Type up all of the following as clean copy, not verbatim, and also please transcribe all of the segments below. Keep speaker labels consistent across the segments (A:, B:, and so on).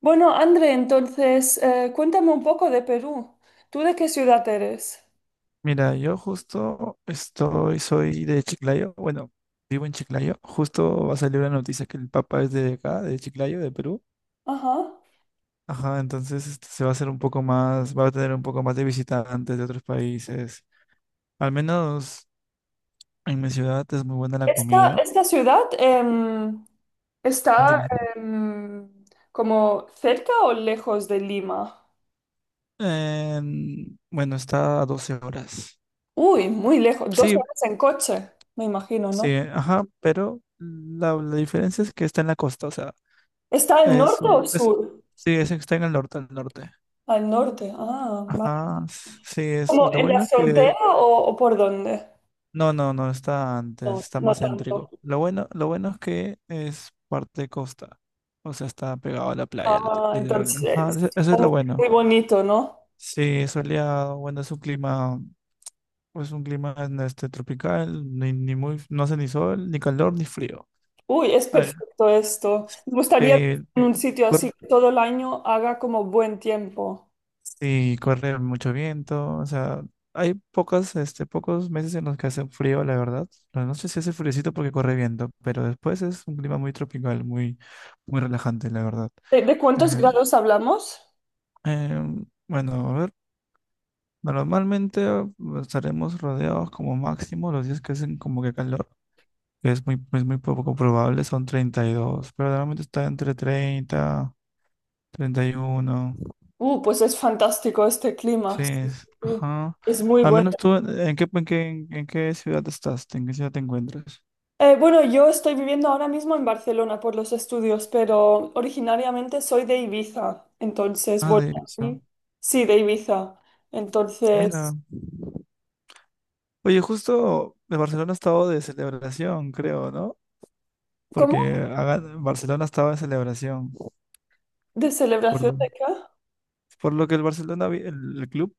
A: Bueno, André, entonces, cuéntame un poco de Perú. ¿Tú de qué ciudad eres?
B: Mira, yo soy de Chiclayo. Bueno, vivo en Chiclayo. Justo va a salir una noticia que el Papa es de acá, de Chiclayo, de Perú.
A: Ajá.
B: Ajá, entonces se va a hacer un poco más, va a tener un poco más de visitantes de otros países. Al menos en mi ciudad es muy buena la
A: Esta,
B: comida.
A: esta ciudad está
B: Dime.
A: em, ¿como cerca o lejos de Lima?
B: Bueno, está a 12 horas.
A: Uy, muy lejos. Dos
B: Sí,
A: horas en coche, me imagino,
B: sí,
A: ¿no?
B: ajá, pero la diferencia es que está en la costa, o sea,
A: ¿Está al
B: es
A: norte o
B: un,
A: al
B: es,
A: sur?
B: sí, está en el norte, al norte.
A: Al norte. Ah, vale.
B: Ajá, sí, es,
A: ¿Como
B: lo
A: en la
B: bueno es que...
A: frontera o por dónde?
B: No, no, no, está antes,
A: No,
B: está
A: no
B: más
A: tanto.
B: céntrico. Lo bueno es que es parte costa, o sea, está pegado a la playa,
A: Ah,
B: literalmente. Ajá,
A: entonces,
B: eso es lo bueno.
A: muy bonito, ¿no?
B: Sí, soleado, bueno, es un clima tropical, ni muy, no hace ni sol, ni calor, ni frío.
A: Uy, es
B: A ver,
A: perfecto esto. Me gustaría vivir
B: sí.
A: en un sitio así que todo el año haga como buen tiempo.
B: Sí, corre mucho viento, o sea, hay pocos meses en los que hace frío, la verdad. La noche sí hace friecito porque corre viento, pero después es un clima muy tropical, muy relajante, la verdad.
A: ¿De cuántos
B: Eh,
A: grados hablamos?
B: bueno, a ver, normalmente estaremos rodeados como máximo los días que hacen como que calor, que es es muy poco probable, son 32, pero normalmente está entre 30, 31.
A: Pues es fantástico este clima. Sí, sí, sí.
B: Ajá.
A: Es muy
B: Al
A: bueno.
B: menos tú, ¿en qué, en qué ciudad estás? ¿En qué ciudad te encuentras?
A: Bueno, yo estoy viviendo ahora mismo en Barcelona por los estudios, pero originariamente soy de Ibiza. Entonces,
B: Ah,
A: bueno,
B: de esa...
A: sí, sí, de Ibiza.
B: Mira.
A: Entonces,
B: Oye, justo de Barcelona ha estado de celebración, creo, ¿no?
A: ¿cómo?
B: Porque Barcelona estaba de celebración.
A: ¿De
B: Por
A: celebración
B: lo,
A: de qué?
B: por lo que el Barcelona, el club,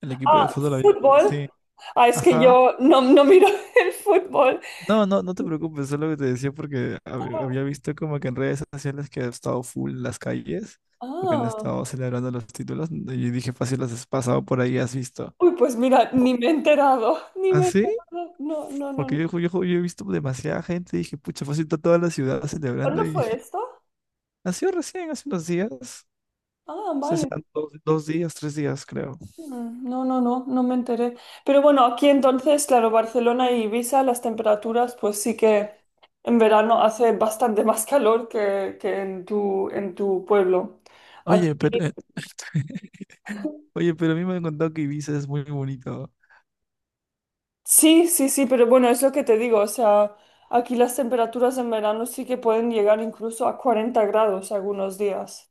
B: el equipo de
A: Ah,
B: fútbol había...
A: fútbol.
B: Sí.
A: Ah, es que
B: Ajá.
A: yo no miro el fútbol.
B: No, no, no te preocupes, es lo que te decía porque había
A: Ah.
B: visto como que en redes sociales que ha estado full las calles, porque han
A: Ah,
B: estado celebrando los títulos, ¿no? Y dije, fácil, las has pasado por ahí, has visto.
A: uy, pues mira, ni me he enterado, ni
B: ¿Ah,
A: me he
B: sí?
A: enterado. No, no, no,
B: Porque
A: no.
B: yo he visto demasiada gente, dije, pucha, fácil, está toda la ciudad
A: ¿Cuándo
B: celebrando y
A: fue esto?
B: ha sido recién, hace unos días,
A: Ah,
B: se
A: vale.
B: serán dos, dos días, tres días, creo.
A: Mm. No, no, no, no me enteré. Pero bueno, aquí entonces, claro, Barcelona y Ibiza, las temperaturas, pues sí que en verano hace bastante más calor que en en tu pueblo.
B: Oye, pero,
A: Aquí-
B: oye, pero a mí me han contado que Ibiza es muy bonito.
A: sí, sí, sí, pero bueno, es lo que te digo, o sea, aquí las temperaturas en verano sí que pueden llegar incluso a 40 grados algunos días.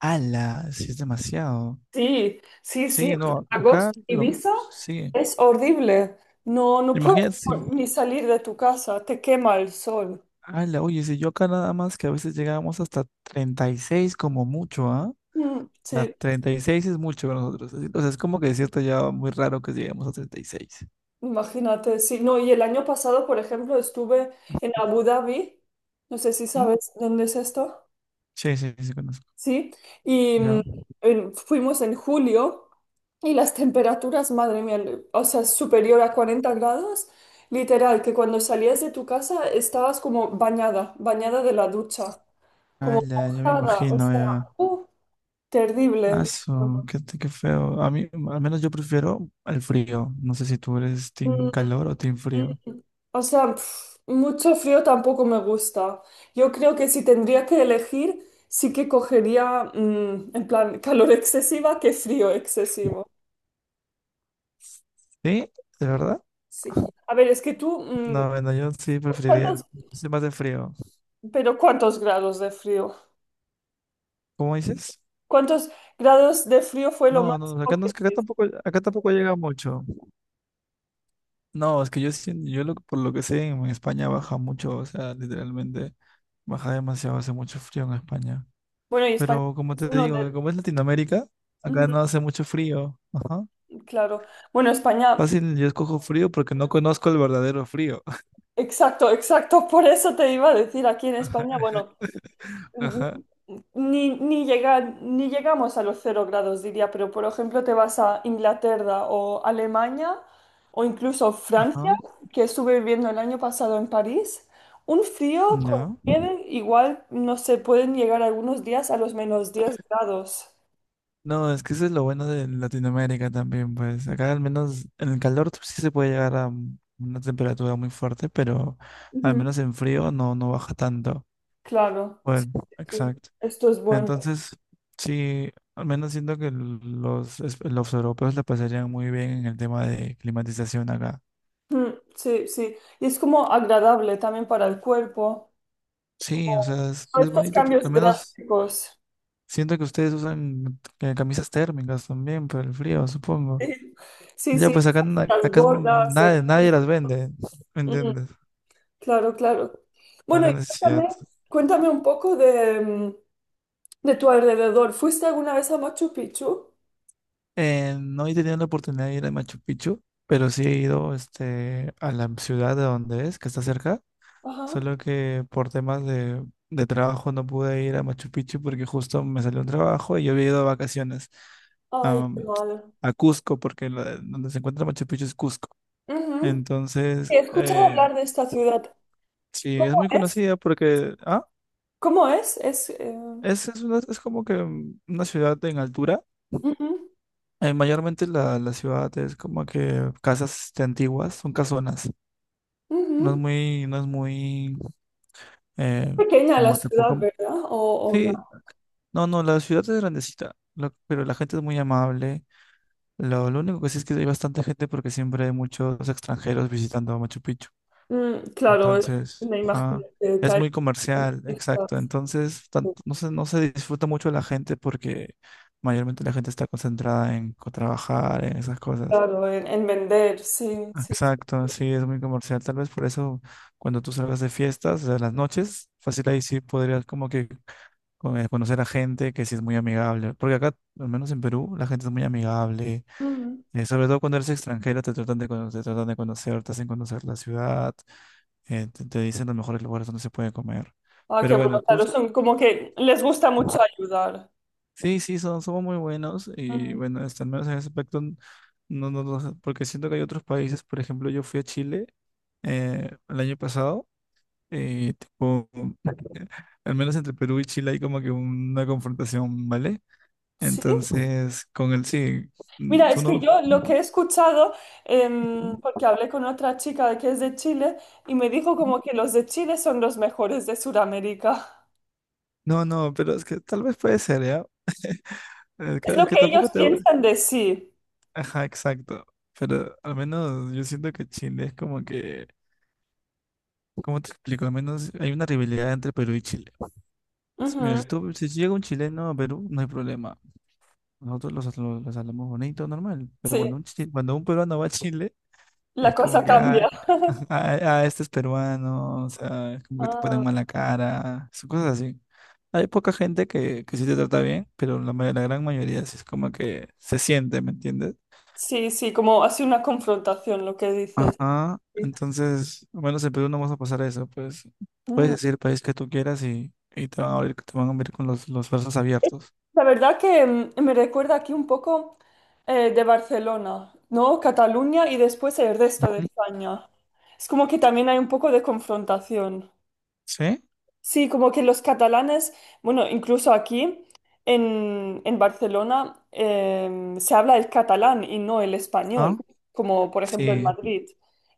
B: ¡Hala! Sí, es demasiado.
A: Sí, sí, sí.
B: Sí, no, acá
A: Agosto,
B: lo...
A: Ibiza
B: Sí.
A: es horrible. No, no puedes
B: Imagínate si,
A: ni salir de tu casa, te quema el sol.
B: ala, oye, si yo acá nada más que a veces llegábamos hasta 36 como mucho, ¿ah? O
A: Mm,
B: sea,
A: sí,
B: 36 es mucho para nosotros. Así- O sea, es como que es cierto, ya muy raro que lleguemos a 36.
A: imagínate. Sí, no, y el año pasado, por ejemplo, estuve en Abu Dhabi. No sé si
B: Ujú.
A: sabes dónde es esto.
B: Sí, sí, sí, sí conozco.
A: Sí, y
B: Ya.
A: en- fuimos en julio y las temperaturas, madre mía, le- o sea, superior a 40 grados. Literal, que cuando salías de tu casa estabas como bañada, bañada de la ducha, como
B: Ala, yo me
A: mojada, o
B: imagino
A: sea,
B: ya.
A: uh, terrible.
B: Aso, qué, qué feo. A mí, al menos yo prefiero el frío. No sé si tú eres team
A: Mm,
B: calor o team frío.
A: mm. O sea, pf, mucho frío tampoco me gusta. Yo creo que si tendría que elegir, sí que cogería, en plan, calor excesiva que frío excesivo.
B: ¿Sí? ¿De verdad?
A: Sí. A ver, es que tú,
B: No, bueno, yo sí preferiría el...
A: ¿cuántos,
B: Soy más de frío.
A: pero cuántos grados de frío?
B: ¿Cómo dices?
A: ¿Cuántos grados de frío fue lo
B: No, no, acá
A: máximo
B: no
A: que
B: es que
A: tuviste?
B: acá tampoco llega mucho. No, es que yo lo, por lo que sé, en España baja mucho, o sea, literalmente baja demasiado, hace mucho frío en España.
A: Bueno, y España
B: Pero como
A: es
B: te
A: uno de…
B: digo, como es Latinoamérica, acá no hace mucho frío. Ajá.
A: Ujú. Claro. Bueno, España…
B: Fácil, yo escojo frío porque no conozco el verdadero frío.
A: Exacto, exacto. Por eso te iba a decir, aquí en España, bueno,
B: Ajá,
A: ni, ni, llega- ni llegamos a los 0 grados, diría, pero por ejemplo te vas a Inglaterra o Alemania o incluso Francia,
B: ajá.
A: que estuve viviendo el año pasado en París, un frío con
B: Ya.
A: nieve, igual, no se pueden llegar algunos días a los -10 grados.
B: No, es que eso es lo bueno de Latinoamérica también, pues acá al menos en el calor sí se puede llegar a una temperatura muy fuerte, pero al
A: Ujú.
B: menos en frío no, no baja tanto.
A: Claro, sí,
B: Bueno,
A: sí,
B: exacto.
A: esto es bueno.
B: Entonces, sí, al menos siento que los europeos la pasarían muy bien en el tema de climatización acá.
A: Mm. Sí, sí, y es como agradable también para el cuerpo.
B: Sí, o sea,
A: Todos
B: es
A: estos
B: bonito porque
A: cambios
B: al menos
A: drásticos.
B: siento que ustedes usan camisas térmicas también por el frío, supongo.
A: Sí, sí,
B: Ya,
A: sí,
B: pues acá,
A: las
B: acá es
A: gordas. De-
B: nadie, nadie las vende. ¿Me
A: mm,
B: entiendes?
A: claro, claro.
B: No hay
A: Bueno, y
B: la necesidad.
A: cuéntame, cuéntame un poco de, de tu alrededor. ¿Fuiste alguna vez a Machu Picchu?
B: No he tenido la oportunidad de ir a Machu Picchu, pero sí he ido a la ciudad de donde es, que está cerca.
A: Ajá.
B: Solo que por temas de trabajo no pude ir a Machu Picchu porque justo me salió un trabajo y yo había ido de vacaciones
A: Ay, qué
B: am,
A: mal.
B: a Cusco, porque donde se encuentra Machu Picchu es Cusco.
A: Ujú.
B: Entonces,
A: He escuchado hablar de esta ciudad.
B: sí, es
A: ¿Cómo
B: muy
A: es?
B: conocida porque ah,
A: ¿Cómo es? Es,
B: es como que una ciudad en altura.
A: ujú,
B: Mayormente la ciudad es como que casas antiguas, son casonas. No es
A: ujú.
B: muy, no es muy,
A: Es
B: eh,
A: pequeña la
B: como tipo,
A: ciudad,
B: como-
A: ¿verdad? O gran-.
B: sí, no, no, la ciudad es grandecita, lo- pero la gente es muy amable. Lo único que sí es que hay bastante gente porque siempre hay muchos extranjeros visitando Machu Picchu.
A: Mm, claro,
B: Entonces,
A: me imagino
B: ajá,
A: que
B: es
A: hay
B: muy comercial, exacto.
A: turistas.
B: Entonces, tanto- no se disfruta mucho la gente porque mayormente la gente está concentrada en trabajar, en esas cosas.
A: Claro, en vender, sí, sí, sí.
B: Exacto, sí, es muy comercial. Tal vez por eso cuando tú salgas de fiestas, o sea, en las noches, fácil ahí sí podrías como que conocer a gente que sí es muy amigable. Porque acá, al menos en Perú, la gente es muy amigable.
A: Ujú.
B: Eh, sobre todo cuando eres extranjero, te tratan de, te tratan de conocer, te hacen conocer la ciudad, te dicen los mejores lugares donde se puede comer.
A: Ah, qué
B: Pero bueno,
A: bueno, claro,
B: Cusco.
A: son como que les gusta mucho ayudar.
B: Sí, sí, son, somos muy buenos y
A: Ujú.
B: bueno, este, al menos en ese aspecto, n- no, no, no, porque siento que hay otros países, por ejemplo, yo fui a Chile el año pasado y tipo, al menos entre Perú y Chile hay como que una confrontación, ¿vale?
A: Sí.
B: Entonces, con el sí, mm,
A: Mira,
B: tú
A: es que
B: no,
A: yo lo que he escuchado, porque hablé con otra chica que es de Chile y me dijo como que los de Chile son los mejores de Sudamérica.
B: no, no, pero es que tal vez puede ser, ¿ya?
A: Es
B: Es
A: lo
B: que
A: que
B: tampoco
A: ellos
B: te...
A: piensan de sí.
B: Ajá, exacto. Pero al menos yo siento que Chile es como que, ¿cómo te explico? Al menos hay una rivalidad entre Perú y Chile. S- Mira,
A: Ujú.
B: si tú, si llega un chileno a Perú, no hay problema. Nosotros los hablamos bonito, normal. Pero
A: Sí,
B: cuando un, cuando un peruano va a Chile,
A: la
B: es como
A: cosa
B: que,
A: cambia.
B: ah, ah, ah, este es peruano, o sea, es como que te ponen
A: Ah,
B: mala cara, son cosas así. Hay poca gente que sí te trata bien, pero la, la gran mayoría sí es como que se siente, ¿me entiendes?
A: sí, sí, como así una confrontación lo que dices.
B: Ajá,
A: Sí.
B: entonces, al menos en Perú no vas a pasar eso, pues puedes
A: Mm.
B: decir el país que tú quieras y te van a abrir, te van a abrir con los brazos abiertos.
A: La verdad que me recuerda aquí un poco de Barcelona, ¿no? Cataluña y después el resto de
B: Ujú.
A: España. Es como que también hay un poco de confrontación.
B: ¿Sí?
A: Sí, como que los catalanes, bueno, incluso aquí en Barcelona se habla el catalán y no el
B: ¿Ah?
A: español, como por ejemplo en
B: Sí,
A: Madrid.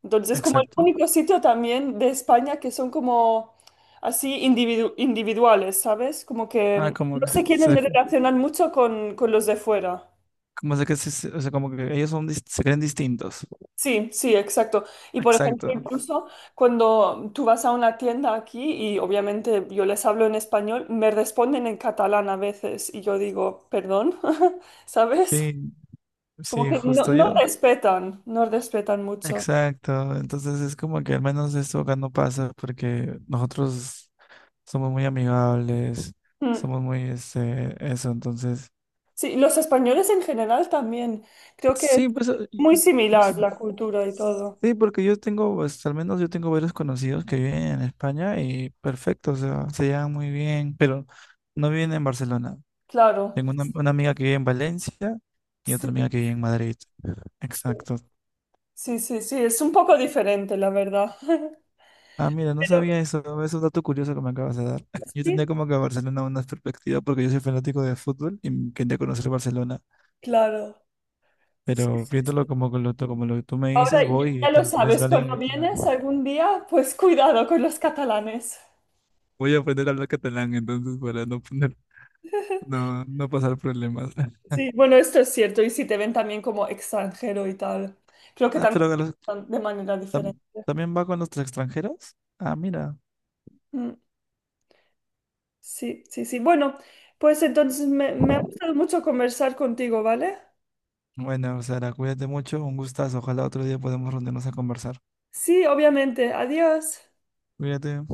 A: Entonces, como el
B: exacto.
A: único sitio también de España que son como así individu- individuales, ¿sabes? Como que
B: Ah, como
A: no
B: que,
A: se quieren
B: se-
A: relacionar mucho con los de fuera.
B: como se que se- se- o sea, como que ellos son, se creen distintos.
A: Sí, sí, exacto. Y por ejemplo,
B: Exacto.
A: incluso cuando tú vas a una tienda aquí y obviamente yo les hablo en español, me responden en catalán a veces y yo digo, perdón, ¿sabes?
B: Sí,
A: Como
B: sí,
A: que no,
B: justo
A: no
B: yo.
A: respetan, no respetan mucho.
B: Exacto. Entonces es como que al menos esto acá no pasa porque nosotros somos muy amigables,
A: Mm.
B: somos muy, este, eso. Entonces,
A: Sí, los españoles en general también. Creo que es
B: sí, pues,
A: muy
B: ex-
A: similar la cultura y todo.
B: sí, porque yo tengo, pues, al menos yo tengo varios conocidos que viven en España y perfecto, o sea, se llevan muy bien, pero no viven en Barcelona.
A: Claro,
B: Tengo una amiga que vive en Valencia y
A: sí,
B: otra amiga que vive en Madrid.
A: sí,
B: Exacto.
A: sí, sí, sí, es un poco diferente, la verdad.
B: Ah, mira, no
A: Pero
B: sabía eso. Es un dato curioso que me acabas de dar. Yo tenía
A: sí,
B: como que Barcelona una perspectiva porque yo soy fanático de fútbol y quería conocer Barcelona.
A: claro. Sí,
B: Pero
A: sí,
B: viéndolo
A: sí.
B: como, con lo, to- como lo que tú me
A: Ahora
B: dices,
A: ya
B: voy y
A: ya lo
B: tal vez
A: sabes,
B: vale
A: cuando
B: en catalán.
A: vienes algún día, pues cuidado con los catalanes.
B: Voy a aprender a hablar catalán entonces para no poner, no, no pasar problemas.
A: Sí, bueno, esto es cierto. Y si te ven también como extranjero y tal, creo que
B: Ah,
A: también
B: pero a los-
A: de manera diferente.
B: tam- también va con los extranjeros. Ah, mira.
A: Mm. Sí, sí, sí. Bueno, pues entonces me ha gustado mucho conversar contigo, ¿vale?
B: Bueno, Sara, cuídate mucho. Un gustazo. Ojalá otro día podamos reunirnos a conversar.
A: Sí, obviamente. Adiós.
B: Mírate.